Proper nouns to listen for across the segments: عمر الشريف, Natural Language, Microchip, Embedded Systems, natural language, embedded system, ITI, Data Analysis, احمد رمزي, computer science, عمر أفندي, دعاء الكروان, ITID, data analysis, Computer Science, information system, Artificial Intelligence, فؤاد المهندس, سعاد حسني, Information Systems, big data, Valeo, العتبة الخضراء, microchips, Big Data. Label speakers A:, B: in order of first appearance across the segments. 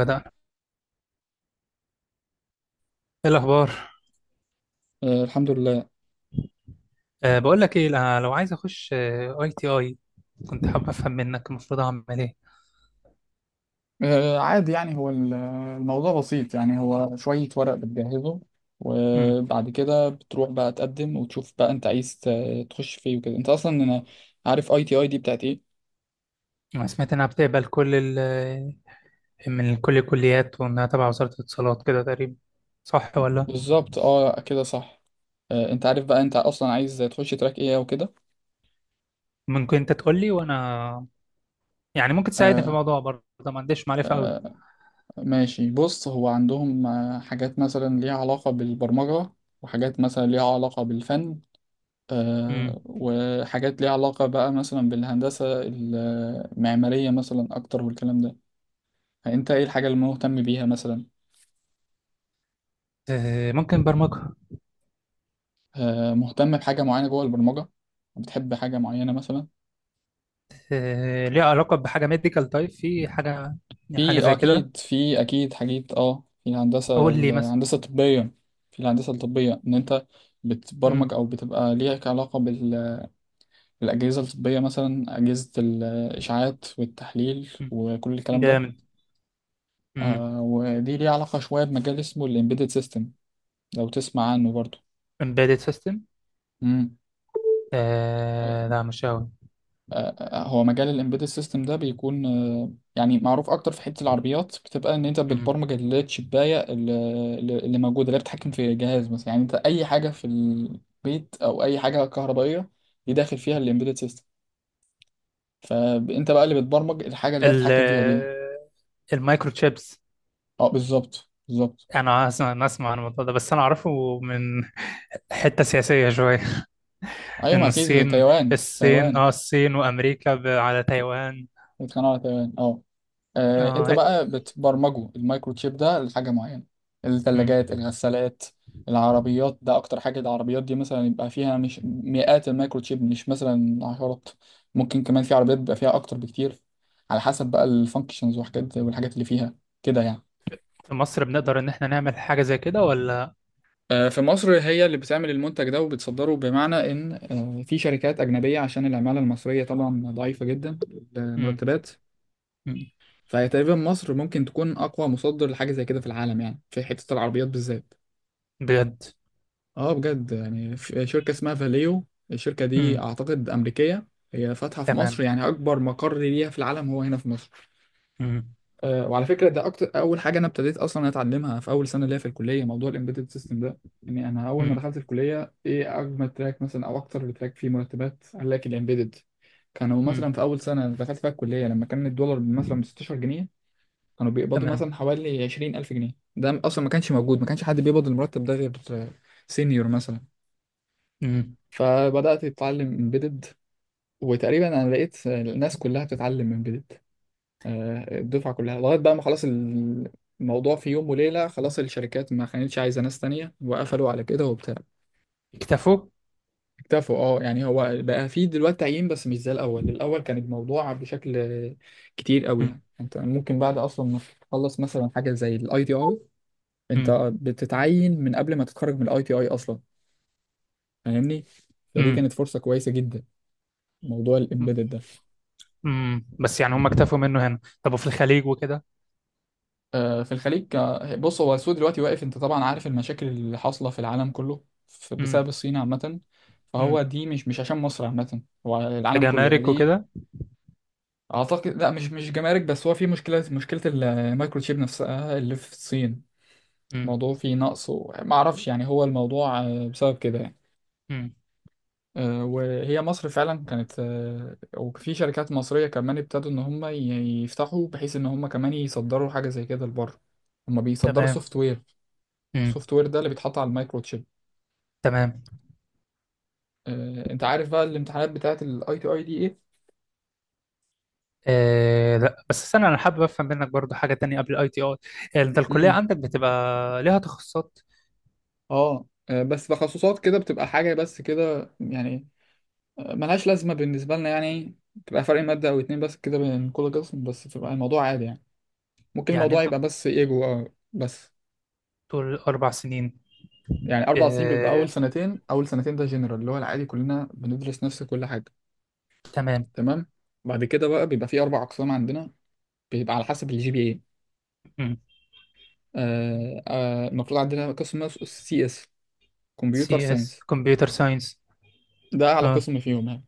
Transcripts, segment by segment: A: بدأ. ايه الاخبار؟
B: آه الحمد لله.
A: بقول لك ايه. لو عايز اخش ITI، كنت حابب افهم منك المفروض اعمل ايه.
B: عادي يعني هو الموضوع بسيط، يعني هو شوية ورق بتجهزه
A: امم.
B: وبعد كده بتروح بقى تقدم وتشوف بقى انت عايز تخش فيه وكده. انت اصلا انا عارف اي تي اي دي بتاعت ايه.
A: انا سمعت انها بتقبل كل ال آه، من كل الكليات، وانها تبع وزارة الاتصالات كده تقريبا. صح ولا؟
B: بالظبط، اه كده صح. انت عارف بقى انت اصلا عايز تخش تراك ايه وكده.
A: ممكن انت تقول لي وانا، يعني ممكن تساعدني في
B: آه
A: الموضوع برضه، ما عنديش معرفة قوي.
B: آه ماشي، بص، هو عندهم حاجات مثلا ليها علاقة بالبرمجة، وحاجات مثلا ليها علاقة بالفن،
A: امم.
B: وحاجات ليها علاقة بقى مثلا بالهندسة المعمارية مثلا أكتر والكلام ده. فأنت إيه الحاجة اللي مهتم بيها مثلا؟
A: ممكن برمجة.
B: مهتم بحاجة معينة جوه البرمجة؟ بتحب حاجة معينة مثلا؟
A: ليها علاقة بحاجة ميديكال تايب، في حاجة حاجة
B: في
A: زي كده
B: أكيد في، أكيد حاجات، في الهندسة
A: قول لي مثلا.
B: الهندسة الطبية. في الهندسة الطبية، إن أنت بتبرمج
A: امم.
B: أو بتبقى ليك علاقة بالأجهزة الطبية، مثلا أجهزة الإشعاعات والتحليل
A: أمم.
B: وكل الكلام ده.
A: جامد. امم.
B: ودي ليها علاقة شوية بمجال اسمه الإمبيدد سيستم، لو تسمع عنه برضو.
A: embedded system.
B: امم.
A: آه، لا مش قوي.
B: هو مجال الامبيدد سيستم ده بيكون يعني معروف اكتر في حته العربيات، بتبقى ان انت
A: مم.
B: بتبرمج الشبايه اللي، اللي موجوده، اللي بتتحكم في جهاز مثلا. يعني انت اي حاجه في البيت او اي حاجه كهربائيه دي داخل
A: مم.
B: فيها الامبيدد سيستم، فانت بقى اللي بتبرمج الحاجه اللي هي
A: ال
B: بتتحكم فيها دي.
A: المايكرو تشيبس.
B: اه، بالظبط.
A: انا اسمع أنا اسمع عن الموضوع ده، بس انا اعرفه من حته سياسيه شويه.
B: ايوه، ما
A: ان
B: اكيد تايوان تايوان
A: الصين وامريكا على تايوان.
B: بيتخانقوا على تايوان، اه. انت
A: اه.
B: بقى بتبرمجه، المايكرو تشيب ده لحاجه معينه،
A: مم.
B: الثلاجات، الغسالات، العربيات، ده اكتر حاجه. العربيات دي مثلا يبقى فيها مش مئات المايكرو تشيب، مش مثلا عشرات. ممكن كمان في عربيات بيبقى فيها اكتر بكتير، على حسب بقى الفانكشنز وحاجات، والحاجات اللي فيها كده يعني.
A: في مصر بنقدر ان احنا نعمل حاجه زي كده ولا؟
B: في مصر هي اللي بتعمل المنتج ده وبتصدره، بمعنى ان في شركات اجنبيه، عشان العماله المصريه طبعا ضعيفه جدا،
A: مم.
B: المرتبات.
A: مم.
B: فهي تقريبا مصر ممكن تكون اقوى مصدر لحاجه زي كده في العالم، يعني في حته العربيات بالذات.
A: بجد.
B: اه بجد، يعني في شركه اسمها فاليو. الشركه دي
A: مم.
B: اعتقد امريكيه، هي فاتحه في
A: تمام.
B: مصر، يعني اكبر مقر ليها في العالم هو هنا في مصر.
A: مم.
B: أه، وعلى فكره، ده اكتر، اول حاجه انا ابتديت اصلا اتعلمها في اول سنه ليا في الكليه موضوع الامبيدد سيستم ده. يعني انا اول ما
A: مم.
B: دخلت الكليه، ايه اجمل تراك مثلا او اكتر تراك فيه مرتبات؟ قال لك الامبيدد. كانوا
A: مم.
B: مثلا في اول سنه دخلت فيها الكليه، لما كان الدولار مثلا ب 16 جنيه، كانوا بيقبضوا
A: تمام.
B: مثلا حوالي 20 ألف جنيه. ده أصلا ما كانش موجود، ما كانش حد بيقبض المرتب ده غير سينيور مثلا.
A: مم.
B: فبدأت أتعلم امبيدد، وتقريبا أنا لقيت الناس كلها بتتعلم امبيدد، الدفعة كلها، لغاية بقى ما خلاص، الموضوع في يوم وليلة خلاص الشركات ما كانتش عايزة ناس تانية، وقفلوا على كده وبتاع.
A: اكتفوا
B: اكتفوا، اه، يعني هو بقى في دلوقتي تعيين، بس مش زي الأول. الأول كان الموضوع بشكل كتير قوي،
A: مم.
B: يعني انت ممكن بعد اصلا ما تخلص مثلا حاجه زي الاي تي اي،
A: مم.
B: انت بتتعين من قبل ما تتخرج من الاي تي اي اصلا، فاهمني؟ فدي
A: مم.
B: كانت فرصه كويسه جدا، موضوع الامبيدد ده.
A: امم، بس يعني هم اكتفوا منه هنا، طب وفي الخليج وكده؟
B: في الخليج، بص، هو السوق دلوقتي واقف، انت طبعا عارف المشاكل اللي حاصله في العالم كله
A: امم.
B: بسبب الصين عامه. فهو
A: امم.
B: دي مش، مش عشان مصر عامه، هو العالم كله يعني
A: كجمارك
B: دي.
A: وكده؟
B: اعتقد لا، مش، مش جمارك بس، هو في مشكله المايكروتشيب نفسها اللي في الصين،
A: امم.
B: الموضوع فيه نقص. وما اعرفش يعني هو الموضوع بسبب كده يعني.
A: امم.
B: وهي مصر فعلا كانت وفي شركات مصرية كمان ابتدوا إن هم يفتحوا، بحيث إن هم كمان يصدروا حاجة زي كده لبره. هم بيصدروا
A: تمام.
B: سوفت وير،
A: امم.
B: السوفت وير ده اللي بيتحط على المايكرو تشيب.
A: تمام.
B: أنت عارف بقى الامتحانات بتاعة الأي تي أي دي إيه؟
A: آه لا، بس استنى، انا حابب افهم منك برضو حاجه تانية قبل الاي تي اي. انت الكليه
B: امم.
A: عندك بتبقى ليها تخصصات؟
B: اه بس تخصصات كده بتبقى حاجة بس كده يعني. ملهاش لازمة بالنسبة لنا، يعني بتبقى فرق مادة أو اتنين بس كده بين كل قسم، بس بتبقى الموضوع عادي يعني. ممكن
A: يعني
B: الموضوع
A: انت
B: يبقى بس إيجو بس.
A: طول 4 سنين.
B: يعني 4 سنين، بيبقى اول
A: آه.
B: سنتين، اول سنتين ده جنرال، اللي هو العادي كلنا بندرس نفس كل حاجه.
A: تمام.
B: تمام. بعد كده بقى بيبقى في 4 اقسام عندنا، بيبقى على حسب الجي بي اي.
A: امم.
B: المفروض عندنا قسم اسمه سي اس، كمبيوتر
A: CS،
B: ساينس،
A: كمبيوتر ساينس.
B: ده اعلى
A: اه.
B: قسم فيهم يعني،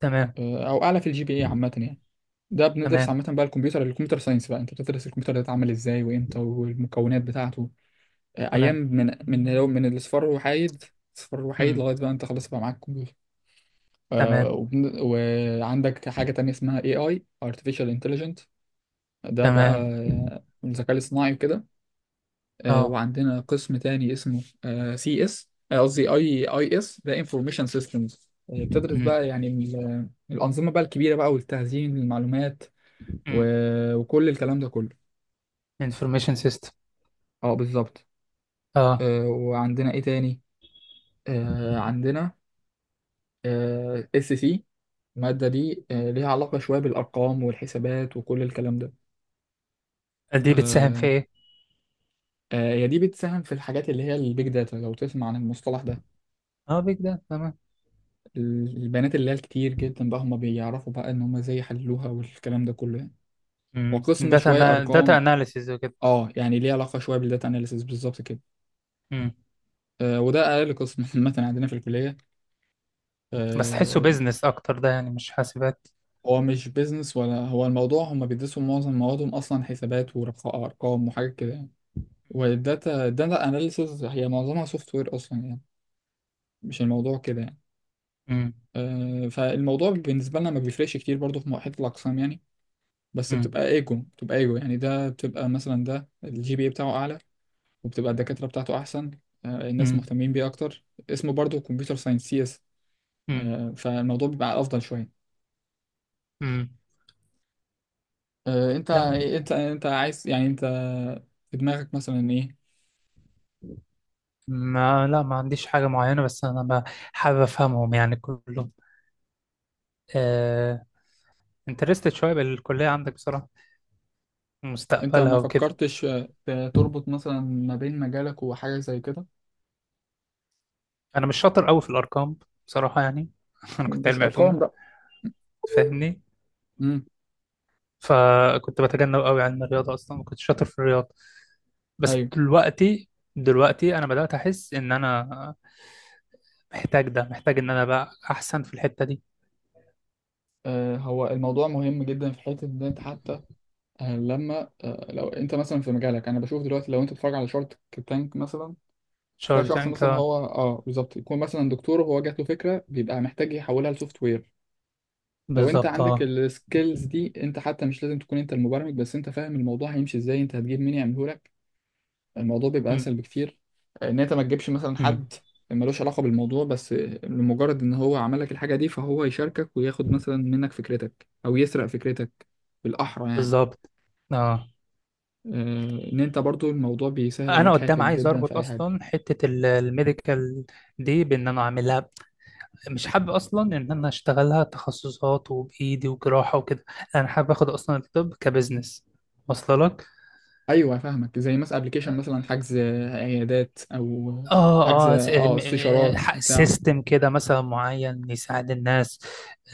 A: تمام.
B: او اعلى في الجي بي اي عامه يعني. ده بندرس
A: تمام.
B: عامه بقى الكمبيوتر، ساينس بقى، انت بتدرس الكمبيوتر ده اتعمل ازاي وامتى والمكونات بتاعته، ايام،
A: تمام.
B: من من الاصفار الوحيد، الاصفار الوحيد
A: امم.
B: لغايه بقى انت خلاص بقى معاك.
A: تمام.
B: وعندك حاجة تانية اسمها AI، Artificial Intelligence، ده بقى
A: تمام.
B: الذكاء الاصطناعي وكده.
A: اه.
B: وعندنا قسم تاني اسمه CS، قصدي اي اي اس، ده انفورميشن سيستمز، بتدرس
A: امم.
B: بقى يعني الانظمه بقى الكبيره بقى، والتخزين المعلومات
A: امم.
B: وكل الكلام ده كله.
A: انفورميشن سيستم.
B: اه بالظبط.
A: اه.
B: وعندنا ايه تاني، عندنا اس سي، الماده دي ليها علاقه شويه بالارقام والحسابات وكل الكلام ده.
A: دي بتساهم في
B: آه،
A: ايه؟
B: هي دي بتساهم في الحاجات اللي هي البيج داتا، لو تسمع عن المصطلح ده،
A: اه، بيج داتا، تمام.
B: البيانات اللي هي الكتير جدا، بقى هم بيعرفوا بقى ان هم ازاي يحللوها والكلام ده كله يعني.
A: امم،
B: وقسم شوية
A: داتا
B: ارقام،
A: اناليسيز وكده.
B: اه يعني ليه علاقة شوية بالداتا اناليسيس بالظبط كده.
A: امم،
B: آه، وده اقل قسم عامة عندنا في الكلية،
A: بس تحسه
B: آه.
A: بيزنس اكتر ده يعني، مش حاسبات.
B: هو مش بيزنس، ولا هو الموضوع هم بيدرسوا معظم موادهم اصلا حسابات وارقام وحاجات كده يعني، الداتا اناليسيس هي معظمها سوفت وير اصلا يعني، مش الموضوع كده يعني.
A: امم.
B: فالموضوع بالنسبة لنا ما بيفرقش كتير برضو في حتة الأقسام يعني، بس
A: امم.
B: بتبقى ايجو، بتبقى ايجو يعني، ده بتبقى مثلا ده الجي بي بتاعه أعلى، وبتبقى الدكاترة بتاعته أحسن، الناس
A: امم.
B: مهتمين بيه أكتر، اسمه برضو كمبيوتر ساينس سي اس،
A: امم.
B: فالموضوع بيبقى أفضل شوية.
A: امم. لا
B: أنت عايز يعني، أنت في دماغك مثلا إيه؟
A: لا، ما عنديش حاجة معينة، بس انا حابب افهمهم يعني كلهم. آه... انترستد شوية بالكلية عندك بصراحة،
B: أنت
A: مستقبلها
B: ما
A: وكده.
B: فكرتش تربط مثلا ما بين مجالك وحاجة زي كده؟
A: انا مش شاطر قوي في الارقام بصراحة يعني انا كنت
B: مش
A: علمي
B: أرقام
A: علوم،
B: بقى.
A: فاهمني.
B: امم.
A: فكنت بتجنب قوي علم الرياضة، اصلا ما كنتش شاطر في الرياضة. بس
B: أيوه.
A: دلوقتي، انا بدأت احس ان انا محتاج ان انا بقى احسن في الحتة دي.
B: هو الموضوع مهم جدا في حتة إن أنت حتى، آه، لما آه، لو انت مثلا في مجالك، انا بشوف دلوقتي لو انت بتتفرج على شارك تانك مثلا، تلاقي
A: شارك
B: شخص
A: تانك،
B: مثلا، هو اه بالظبط، يكون مثلا دكتور، وهو جات له فكره، بيبقى محتاج يحولها لسوفت وير. لو انت
A: بالظبط
B: عندك
A: اه.
B: السكيلز دي، انت حتى مش لازم تكون انت المبرمج، بس انت فاهم الموضوع هيمشي ازاي، انت هتجيب مين يعمله لك، الموضوع بيبقى
A: أمم،
B: اسهل بكتير. ان انت ما تجيبش مثلا
A: أمم،
B: حد ملوش علاقه بالموضوع، بس لمجرد ان هو عمل لك الحاجه دي، فهو يشاركك وياخد مثلا منك فكرتك، او يسرق فكرتك بالاحرى يعني.
A: بالظبط اه.
B: آه، ان انت برضو الموضوع بيسهل
A: انا
B: عليك
A: قدام
B: حياتك
A: عايز
B: جدا في
A: اربط
B: اي حاجه.
A: اصلا حتة الميديكال دي، بان انا اعملها. مش حابب اصلا ان انا اشتغلها تخصصات وبايدي وجراحة وكده. انا حابب اخد اصلا الطب كبزنس واصله لك.
B: ايوه فاهمك، زي مثلا ابلكيشن مثلا حجز عيادات، او حجز
A: اه اه،
B: اه استشارات بتاع.
A: سيستم كده مثلا معين يساعد الناس.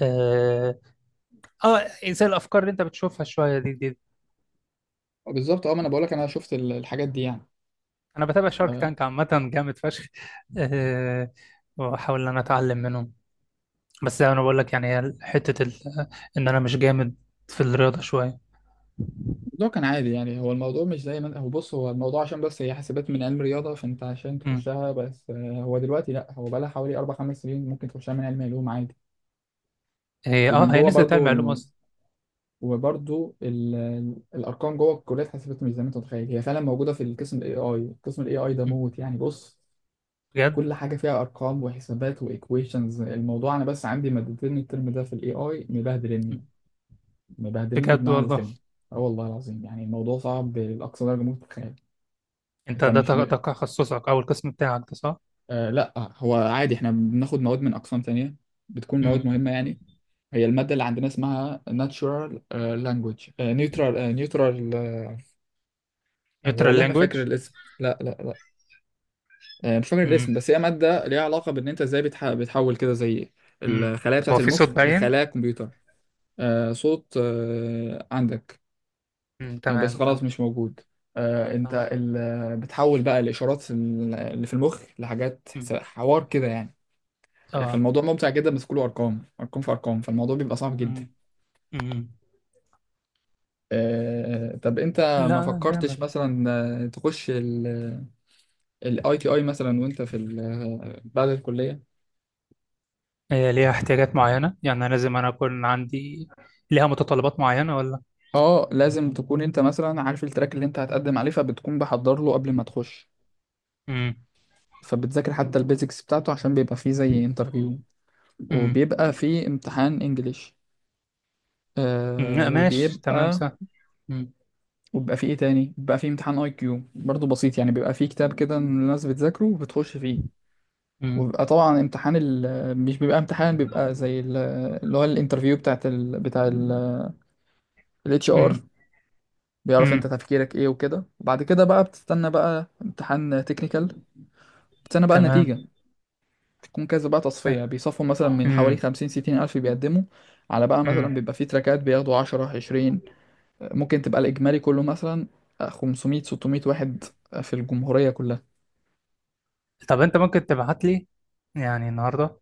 A: آه، اه، زي الافكار اللي انت بتشوفها شويه دي.
B: بالظبط اه، ما انا بقولك انا شفت الحاجات دي يعني.
A: انا بتابع شارك
B: آه،
A: تانك عامه، جامد فشخ. أه. واحاول ان انا اتعلم منهم. بس زي ما انا بقول لك، يعني هي حته ان انا مش جامد في الرياضه شويه.
B: الموضوع كان عادي يعني، هو الموضوع مش زي ما هو، بص، هو الموضوع عشان بس هي حاسبات من علم رياضه، فانت عشان
A: امم.
B: تخشها بس هو دلوقتي لا، هو بقى لها حوالي 4 5 سنين ممكن تخشها من علم علوم عادي، ومن
A: هي
B: جوه
A: نزلت
B: برضو.
A: علم علوم اصلا.
B: وبرضو الارقام جوه الكليه اتحسبت مش زي ما انت متخيل، هي فعلا موجوده في القسم الاي اي، قسم الاي اي ده
A: أمم.
B: موت يعني، بص،
A: بجد.
B: كل حاجه فيها ارقام وحسابات وايكويشنز. الموضوع انا بس عندي مادتين الترم ده في الاي اي
A: أمم.
B: مبهدلني،
A: بجد
B: بمعنى
A: والله.
B: الكلمه. اه والله العظيم، يعني الموضوع
A: أمم.
B: صعب لاقصى درجه ممكن تتخيل.
A: انت
B: انت مش ب...
A: ده تخصصك او القسم بتاعك ده صح؟
B: آه لا، هو عادي احنا بناخد مواد من اقسام تانية، بتكون مواد
A: امم.
B: مهمه يعني. هي الماده اللي عندنا اسمها natural language، نيوترال. أنا
A: نيوترال
B: والله ما فاكر
A: لانجويج.
B: الاسم، لا. مش فاكر
A: امم.
B: الاسم، بس هي مادة ليها علاقة بإن أنت إزاي بتح... بتحول كده زي
A: أمم.
B: الخلايا بتاعة
A: هو في صوت
B: المخ
A: باين؟
B: لخلايا كمبيوتر. آه صوت، آه عندك.
A: أمم،
B: بس
A: تمام
B: خلاص
A: تمام.
B: مش موجود. آه أنت
A: تمام.
B: ال... آه، بتحول بقى الإشارات اللي في المخ لحاجات حس-
A: أمم.
B: حوار كده يعني.
A: اه.
B: فالموضوع ممتع جدا، بس كله أرقام، في أرقام، فالموضوع بيبقى صعب جدا.
A: أمم. أمم.
B: آه طب أنت ما
A: لا،
B: فكرتش
A: جامد.
B: مثلا تخش ال... الاي تي اي مثلا، وانت في بعد الكليه؟
A: هي ليها احتياجات معينة، يعني أنا أكون عندي ليها متطلبات معينة ولا؟
B: اه لازم تكون انت مثلا عارف التراك اللي انت هتقدم عليه، فبتكون بحضر له قبل ما تخش،
A: امم.
B: فبتذاكر حتى البيزكس بتاعته، عشان بيبقى فيه زي انترفيو،
A: امم.
B: وبيبقى فيه امتحان انجليش،
A: أمم،
B: آه
A: لا، ماشي تمام
B: وبيبقى
A: صح. امم.
B: وبيبقى فيه ايه تاني، بيبقى فيه امتحان اي كيو برضه بسيط يعني، بيبقى فيه كتاب كده إن الناس بتذاكره وبتخش فيه،
A: امم.
B: وبيبقى طبعا امتحان مش بيبقى امتحان، بيبقى زي اللي هو الانترفيو بتاعت بتاع الاتش ار،
A: امم.
B: بيعرف انت
A: أمم،
B: تفكيرك ايه وكده، وبعد كده بقى بتستنى بقى امتحان تكنيكال، بتستنى بقى
A: تمام.
B: النتيجة. بتكون كذا بقى تصفية، بيصفوا مثلا من حوالي
A: امم.
B: 50-60 ألف بيقدموا، على بقى مثلا
A: امم.
B: بيبقى في تراكات بياخدوا 10-20، ممكن تبقى الإجمالي كله مثلا 500-600 واحد في الجمهورية كلها.
A: طب أنت ممكن تبعت لي يعني النهاردة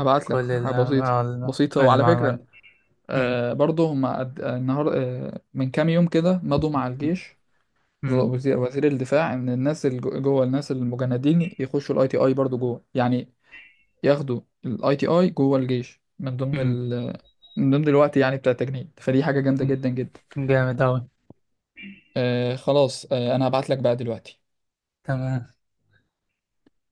B: هبعت لك
A: كل
B: حاجة بسيطة، بسيطة. وعلى
A: المعلومات
B: فكرة،
A: دي. امم.
B: برضه هما قد- آه، النهار آه من كام يوم كده مضوا مع الجيش،
A: امم.
B: وزير الدفاع، إن الناس اللي جوه الناس المجندين يخشوا الأي تي أي برضه جوه يعني، ياخدوا الاي تي اي جوه الجيش من ضمن
A: امم.
B: من ضمن الوقت يعني بتاع التجنيد. فدي حاجة جامدة جدا جدا.
A: أمم، جامد أوي.
B: آه خلاص آه انا هبعت لك بقى دلوقتي.
A: تمام.